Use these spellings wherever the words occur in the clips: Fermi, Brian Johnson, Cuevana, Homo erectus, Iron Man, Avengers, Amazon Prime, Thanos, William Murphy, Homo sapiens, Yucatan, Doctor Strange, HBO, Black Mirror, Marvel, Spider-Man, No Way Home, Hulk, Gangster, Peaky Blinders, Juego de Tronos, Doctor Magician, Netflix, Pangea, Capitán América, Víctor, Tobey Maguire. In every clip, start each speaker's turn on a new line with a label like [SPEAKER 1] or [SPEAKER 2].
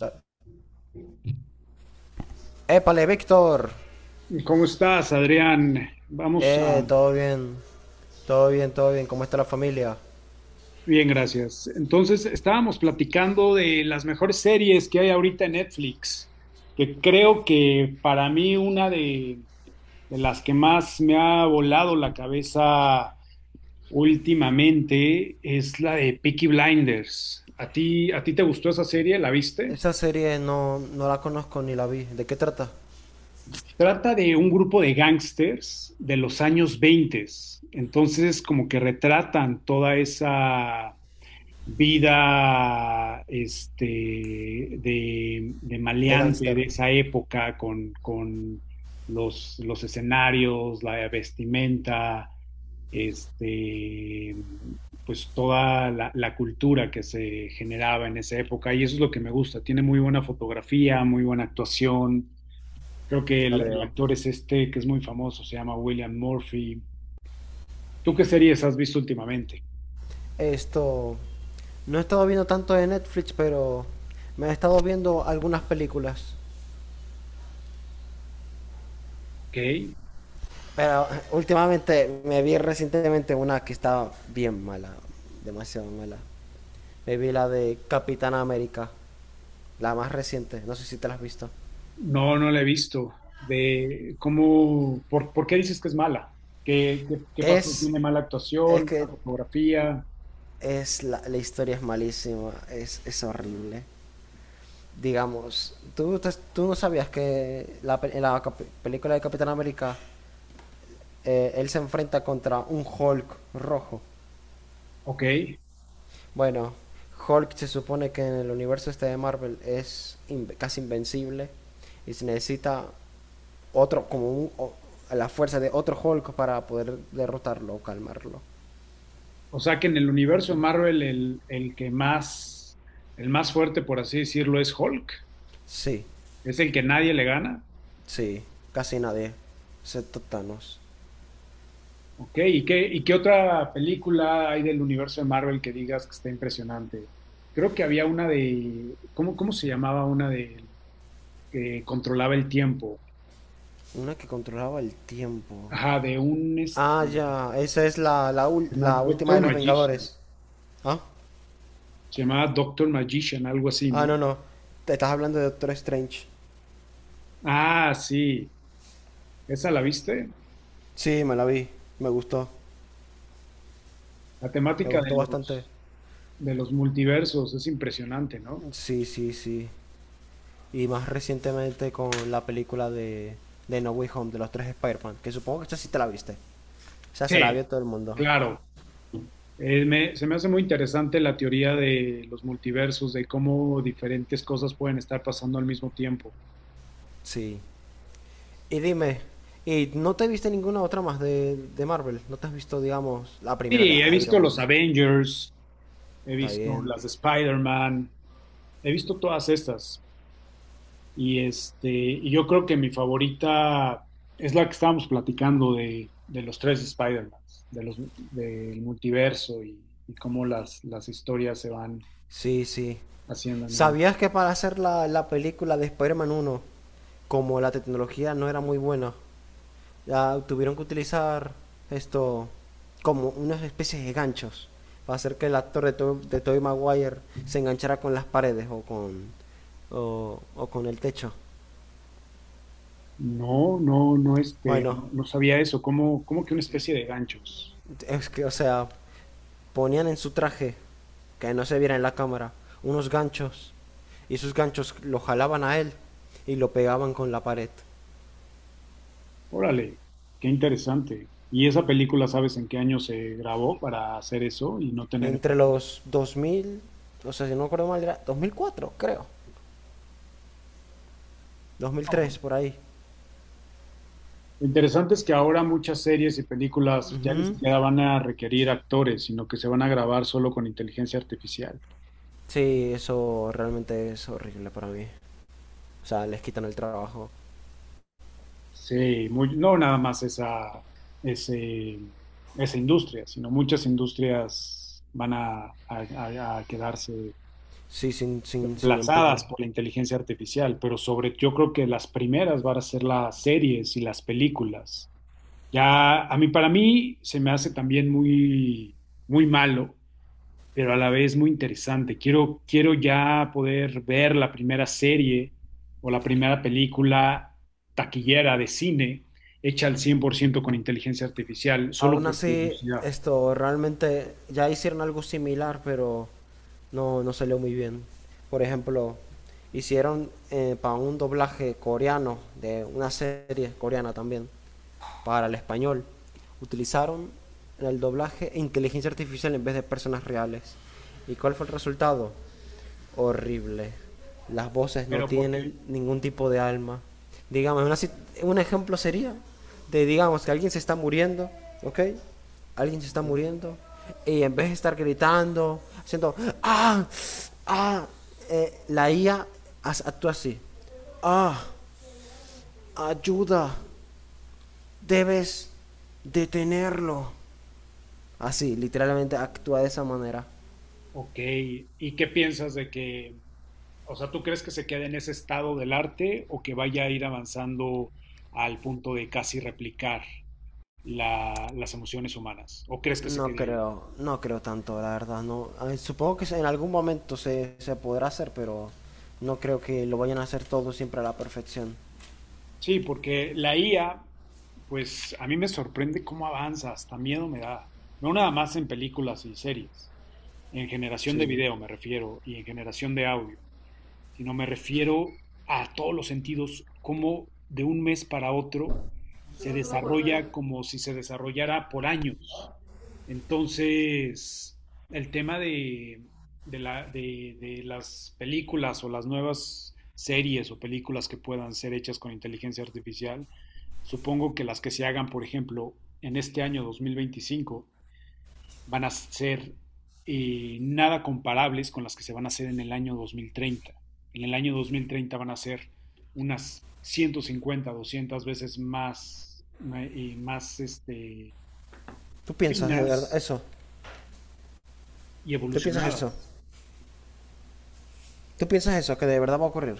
[SPEAKER 1] Eh, Épale, Víctor.
[SPEAKER 2] ¿Cómo estás, Adrián?
[SPEAKER 1] Todo bien. Todo bien, todo bien. ¿Cómo está la familia?
[SPEAKER 2] Bien, gracias. Entonces, estábamos platicando de las mejores series que hay ahorita en Netflix, que creo que para mí de las que más me ha volado la cabeza últimamente es la de Peaky Blinders. ¿A ti te gustó esa serie? ¿La viste?
[SPEAKER 1] Esa serie no, no la conozco ni la vi. ¿De qué trata?
[SPEAKER 2] Trata de un grupo de gángsters de los años 20. Entonces, como que retratan toda esa vida de
[SPEAKER 1] De
[SPEAKER 2] maleante de
[SPEAKER 1] Gangster.
[SPEAKER 2] esa época con los escenarios, la vestimenta, este, pues toda la cultura que se generaba en esa época. Y eso es lo que me gusta. Tiene muy buena fotografía, muy buena actuación. Creo que
[SPEAKER 1] La
[SPEAKER 2] el
[SPEAKER 1] veo.
[SPEAKER 2] actor es este que es muy famoso, se llama William Murphy. ¿Tú qué series has visto últimamente?
[SPEAKER 1] Esto. No he estado viendo tanto de Netflix, pero me he estado viendo algunas películas.
[SPEAKER 2] Ok.
[SPEAKER 1] Pero últimamente me vi recientemente una que estaba bien mala. Demasiado mala. Me vi la de Capitán América. La más reciente. No sé si te la has visto.
[SPEAKER 2] No, no la he visto. ¿Por qué dices que es mala? ¿Qué pasó?
[SPEAKER 1] Es
[SPEAKER 2] ¿Tiene mala
[SPEAKER 1] Es
[SPEAKER 2] actuación,
[SPEAKER 1] que
[SPEAKER 2] mala fotografía?
[SPEAKER 1] es la historia es malísima, es horrible. Digamos, ¿tú, tú no sabías que en la película de Capitán América él se enfrenta contra un Hulk rojo?
[SPEAKER 2] Ok.
[SPEAKER 1] Bueno, Hulk se supone que en el universo este de Marvel es casi invencible y se necesita otro, como un- o- la fuerza de otro Hulk para poder derrotarlo o calmarlo.
[SPEAKER 2] O sea que en el universo Marvel el que más, el más fuerte, por así decirlo, es Hulk.
[SPEAKER 1] Sí,
[SPEAKER 2] Es el que nadie le gana.
[SPEAKER 1] sí, casi nadie, excepto Thanos.
[SPEAKER 2] Ok. ¿Y qué otra película hay del universo de Marvel que digas que está impresionante? Creo que había una de, ¿cómo se llamaba una de que controlaba el tiempo?
[SPEAKER 1] Una que controlaba el tiempo.
[SPEAKER 2] Ajá.
[SPEAKER 1] Ah, ya. Esa es
[SPEAKER 2] Se llama
[SPEAKER 1] la última
[SPEAKER 2] Doctor
[SPEAKER 1] de los
[SPEAKER 2] Magician.
[SPEAKER 1] Vengadores. ¿Ah?
[SPEAKER 2] Se llamaba Doctor Magician, algo así,
[SPEAKER 1] Ah,
[SPEAKER 2] ¿no?
[SPEAKER 1] no, no. Te estás hablando de Doctor Strange.
[SPEAKER 2] Ah, sí. ¿Esa la viste?
[SPEAKER 1] Sí, me la vi. Me gustó.
[SPEAKER 2] La
[SPEAKER 1] Me
[SPEAKER 2] temática de
[SPEAKER 1] gustó bastante.
[SPEAKER 2] los, de los multiversos es impresionante, ¿no?
[SPEAKER 1] Sí, sí, sí. Y más recientemente con la película de No Way Home, de los tres Spider-Man. Que supongo que esta sí te la viste. O sea, se la vio
[SPEAKER 2] Sí,
[SPEAKER 1] todo el mundo.
[SPEAKER 2] claro. Se me hace muy interesante la teoría de los multiversos, de cómo diferentes cosas pueden estar pasando al mismo tiempo.
[SPEAKER 1] Sí. Y dime, ¿y no te viste ninguna otra más de Marvel? ¿No te has visto, digamos, la primera de
[SPEAKER 2] Sí, he visto
[SPEAKER 1] Iron
[SPEAKER 2] los
[SPEAKER 1] Man?
[SPEAKER 2] Avengers, he
[SPEAKER 1] Está
[SPEAKER 2] visto
[SPEAKER 1] bien.
[SPEAKER 2] las de Spider-Man, he visto todas estas. Y yo creo que mi favorita es la que estábamos platicando de los tres Spider-Mans, del multiverso y cómo las historias se van
[SPEAKER 1] Sí, sí.
[SPEAKER 2] haciendo.
[SPEAKER 1] ¿Sabías que para hacer la película de Spider-Man 1, como la tecnología no era muy buena, ya tuvieron que utilizar esto como unas especies de ganchos para hacer que el actor de Tobey Maguire se enganchara con las paredes o con el techo?
[SPEAKER 2] No, no, no,
[SPEAKER 1] Bueno,
[SPEAKER 2] no, no sabía eso, como que una especie de ganchos.
[SPEAKER 1] es que, o sea, ponían en su traje, que no se viera en la cámara, unos ganchos y esos ganchos lo jalaban a él y lo pegaban con la pared.
[SPEAKER 2] Órale, qué interesante. ¿Y esa película sabes en qué año se grabó para hacer eso y no tener
[SPEAKER 1] Entre
[SPEAKER 2] efecto?
[SPEAKER 1] los 2000, o sea, si no recuerdo mal, era 2004, creo. 2003, por ahí.
[SPEAKER 2] Lo interesante es que ahora muchas series y películas ya ni
[SPEAKER 1] Ujú.
[SPEAKER 2] siquiera van a requerir actores, sino que se van a grabar solo con inteligencia artificial.
[SPEAKER 1] Sí, eso realmente es horrible para mí. O sea, les quitan el trabajo.
[SPEAKER 2] Sí, no nada más esa, ese- esa industria, sino muchas industrias van a quedarse
[SPEAKER 1] Sí, sin
[SPEAKER 2] reemplazadas
[SPEAKER 1] empleo.
[SPEAKER 2] por la inteligencia artificial, pero sobre, yo creo que las primeras van a ser las series y las películas. Ya, para mí, se me hace también muy, muy malo pero a la vez muy interesante. Quiero ya poder ver la primera serie o la primera película taquillera de cine hecha al 100% con inteligencia artificial, solo
[SPEAKER 1] Aún
[SPEAKER 2] por
[SPEAKER 1] así,
[SPEAKER 2] curiosidad.
[SPEAKER 1] esto realmente ya hicieron algo similar, pero no, no salió muy bien. Por ejemplo, hicieron para un doblaje coreano de una serie coreana también, para el español. Utilizaron en el doblaje inteligencia artificial en vez de personas reales. ¿Y cuál fue el resultado? Horrible. Las voces no
[SPEAKER 2] ¿Pero por qué?
[SPEAKER 1] tienen ningún tipo de alma. Digamos, una un ejemplo sería de, digamos, que alguien se está muriendo, ¿ok? Alguien se está
[SPEAKER 2] Ok.
[SPEAKER 1] muriendo y en vez de estar gritando, haciendo, ah, ah, la IA actúa así. Ah, ayuda, debes detenerlo. Así, literalmente actúa de esa manera.
[SPEAKER 2] Ok. ¿Y qué piensas o sea, tú crees que se quede en ese estado del arte o que vaya a ir avanzando al punto de casi replicar las emociones humanas? ¿O crees que se
[SPEAKER 1] No
[SPEAKER 2] quede ahí?
[SPEAKER 1] creo, no creo tanto, la verdad. No, ay, supongo que en algún momento se podrá hacer, pero no creo que lo vayan a hacer todo siempre a la perfección.
[SPEAKER 2] Sí, porque la IA, pues a mí me sorprende cómo avanza, hasta miedo me da. No nada más en películas y series, en generación de
[SPEAKER 1] Sí.
[SPEAKER 2] video me refiero y en generación de audio, sino me refiero a todos los sentidos, cómo de un mes para otro se desarrolla como si se desarrollara por años. Entonces, el tema de las películas o las nuevas series o películas que puedan ser hechas con inteligencia artificial, supongo que las que se hagan, por ejemplo, en este año 2025 van a ser nada comparables con las que se van a hacer en el año 2030. En el año 2030 van a ser unas 150 200 veces más, más
[SPEAKER 1] ¿Tú piensas de
[SPEAKER 2] finas,
[SPEAKER 1] verdad eso?
[SPEAKER 2] y
[SPEAKER 1] ¿Tú piensas eso?
[SPEAKER 2] evolucionadas.
[SPEAKER 1] ¿Tú piensas eso? Que de verdad va a ocurrir.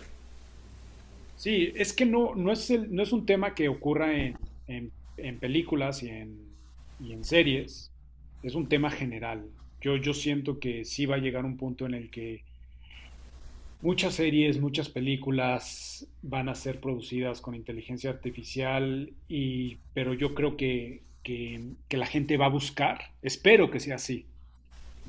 [SPEAKER 2] Sí, es que no es un tema que ocurra en, en películas y en series, es un tema general. Yo siento que sí va a llegar un punto en el que muchas series, muchas películas van a ser producidas con inteligencia artificial, pero yo creo que la gente va a buscar, espero que sea así,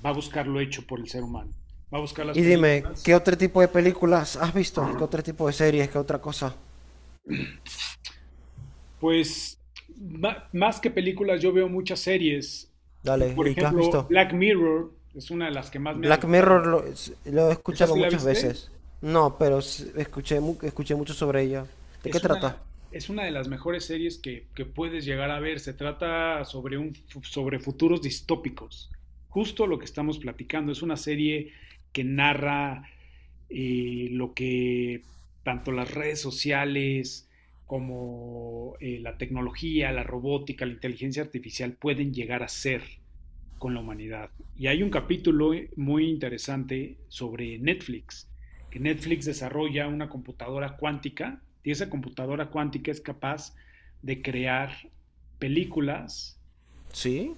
[SPEAKER 2] va a buscar lo hecho por el ser humano, va a buscar las
[SPEAKER 1] Y dime, ¿qué
[SPEAKER 2] películas.
[SPEAKER 1] otro tipo de películas has visto? ¿Qué otro tipo de series? ¿Qué otra cosa?
[SPEAKER 2] Pues más que películas, yo veo muchas series. Y por
[SPEAKER 1] Dale, ¿y qué has
[SPEAKER 2] ejemplo,
[SPEAKER 1] visto?
[SPEAKER 2] Black Mirror es una de las que más me ha
[SPEAKER 1] Black
[SPEAKER 2] gustado.
[SPEAKER 1] Mirror lo he
[SPEAKER 2] ¿Esa
[SPEAKER 1] escuchado
[SPEAKER 2] sí la
[SPEAKER 1] muchas
[SPEAKER 2] viste?
[SPEAKER 1] veces. No, pero escuché, escuché mucho sobre ella. ¿De qué
[SPEAKER 2] Es
[SPEAKER 1] trata?
[SPEAKER 2] una, es una de las mejores series que puedes llegar a ver. Se trata sobre futuros distópicos. Justo lo que estamos platicando. Es una serie que narra lo que tanto las redes sociales como la tecnología, la robótica, la inteligencia artificial pueden llegar a ser con la humanidad. Y hay un capítulo muy interesante sobre Netflix, que Netflix desarrolla una computadora cuántica y esa computadora cuántica es capaz de crear películas
[SPEAKER 1] ¿Sí?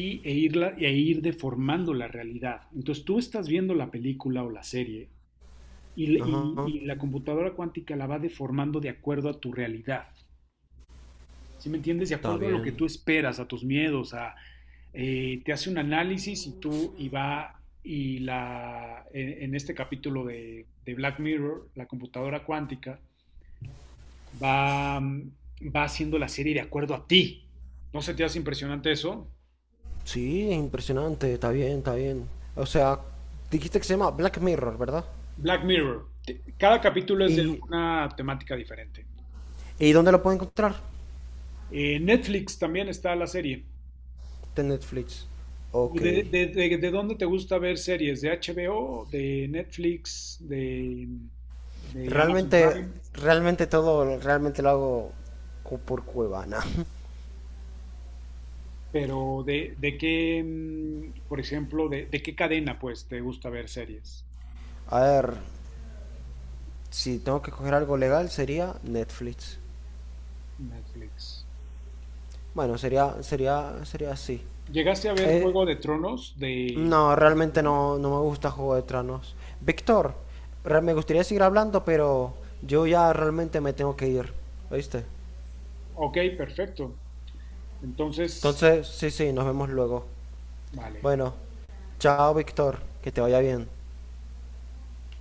[SPEAKER 2] e ir deformando la realidad. Entonces tú estás viendo la película o la serie y, y,
[SPEAKER 1] Ajá.
[SPEAKER 2] y la computadora cuántica la va deformando de acuerdo a tu realidad. ¿Sí me entiendes? De
[SPEAKER 1] Está
[SPEAKER 2] acuerdo a lo que
[SPEAKER 1] bien.
[SPEAKER 2] tú esperas, a tus miedos, te hace un análisis y tú y va y la, en este capítulo Black Mirror, la computadora cuántica, va haciendo la serie de acuerdo a ti. ¿No se te hace impresionante eso?
[SPEAKER 1] Sí, es impresionante, está bien, está bien. O sea, dijiste que se llama Black Mirror, ¿verdad?
[SPEAKER 2] Black Mirror, cada capítulo es de
[SPEAKER 1] ¿Y,
[SPEAKER 2] una temática diferente.
[SPEAKER 1] y dónde lo puedo encontrar?
[SPEAKER 2] Netflix también está la serie.
[SPEAKER 1] De Netflix.
[SPEAKER 2] ¿O
[SPEAKER 1] Ok.
[SPEAKER 2] de dónde te gusta ver series? ¿De HBO, de Netflix, de Amazon
[SPEAKER 1] Realmente,
[SPEAKER 2] Prime?
[SPEAKER 1] realmente todo, realmente lo hago por Cuevana.
[SPEAKER 2] ¿Pero por ejemplo, de qué cadena pues te gusta ver series?
[SPEAKER 1] A ver, si tengo que coger algo legal sería Netflix.
[SPEAKER 2] Netflix.
[SPEAKER 1] Bueno, sería así.
[SPEAKER 2] ¿Llegaste a ver
[SPEAKER 1] Eh,
[SPEAKER 2] Juego de Tronos de
[SPEAKER 1] No, realmente
[SPEAKER 2] HBO?
[SPEAKER 1] no, no me gusta Juego de Tronos. Víctor, me gustaría seguir hablando, pero yo ya realmente me tengo que ir, ¿oíste?
[SPEAKER 2] Ok, perfecto. Entonces,
[SPEAKER 1] Entonces, sí, sí, nos vemos luego.
[SPEAKER 2] vale.
[SPEAKER 1] Bueno, chao, Víctor, que te vaya bien.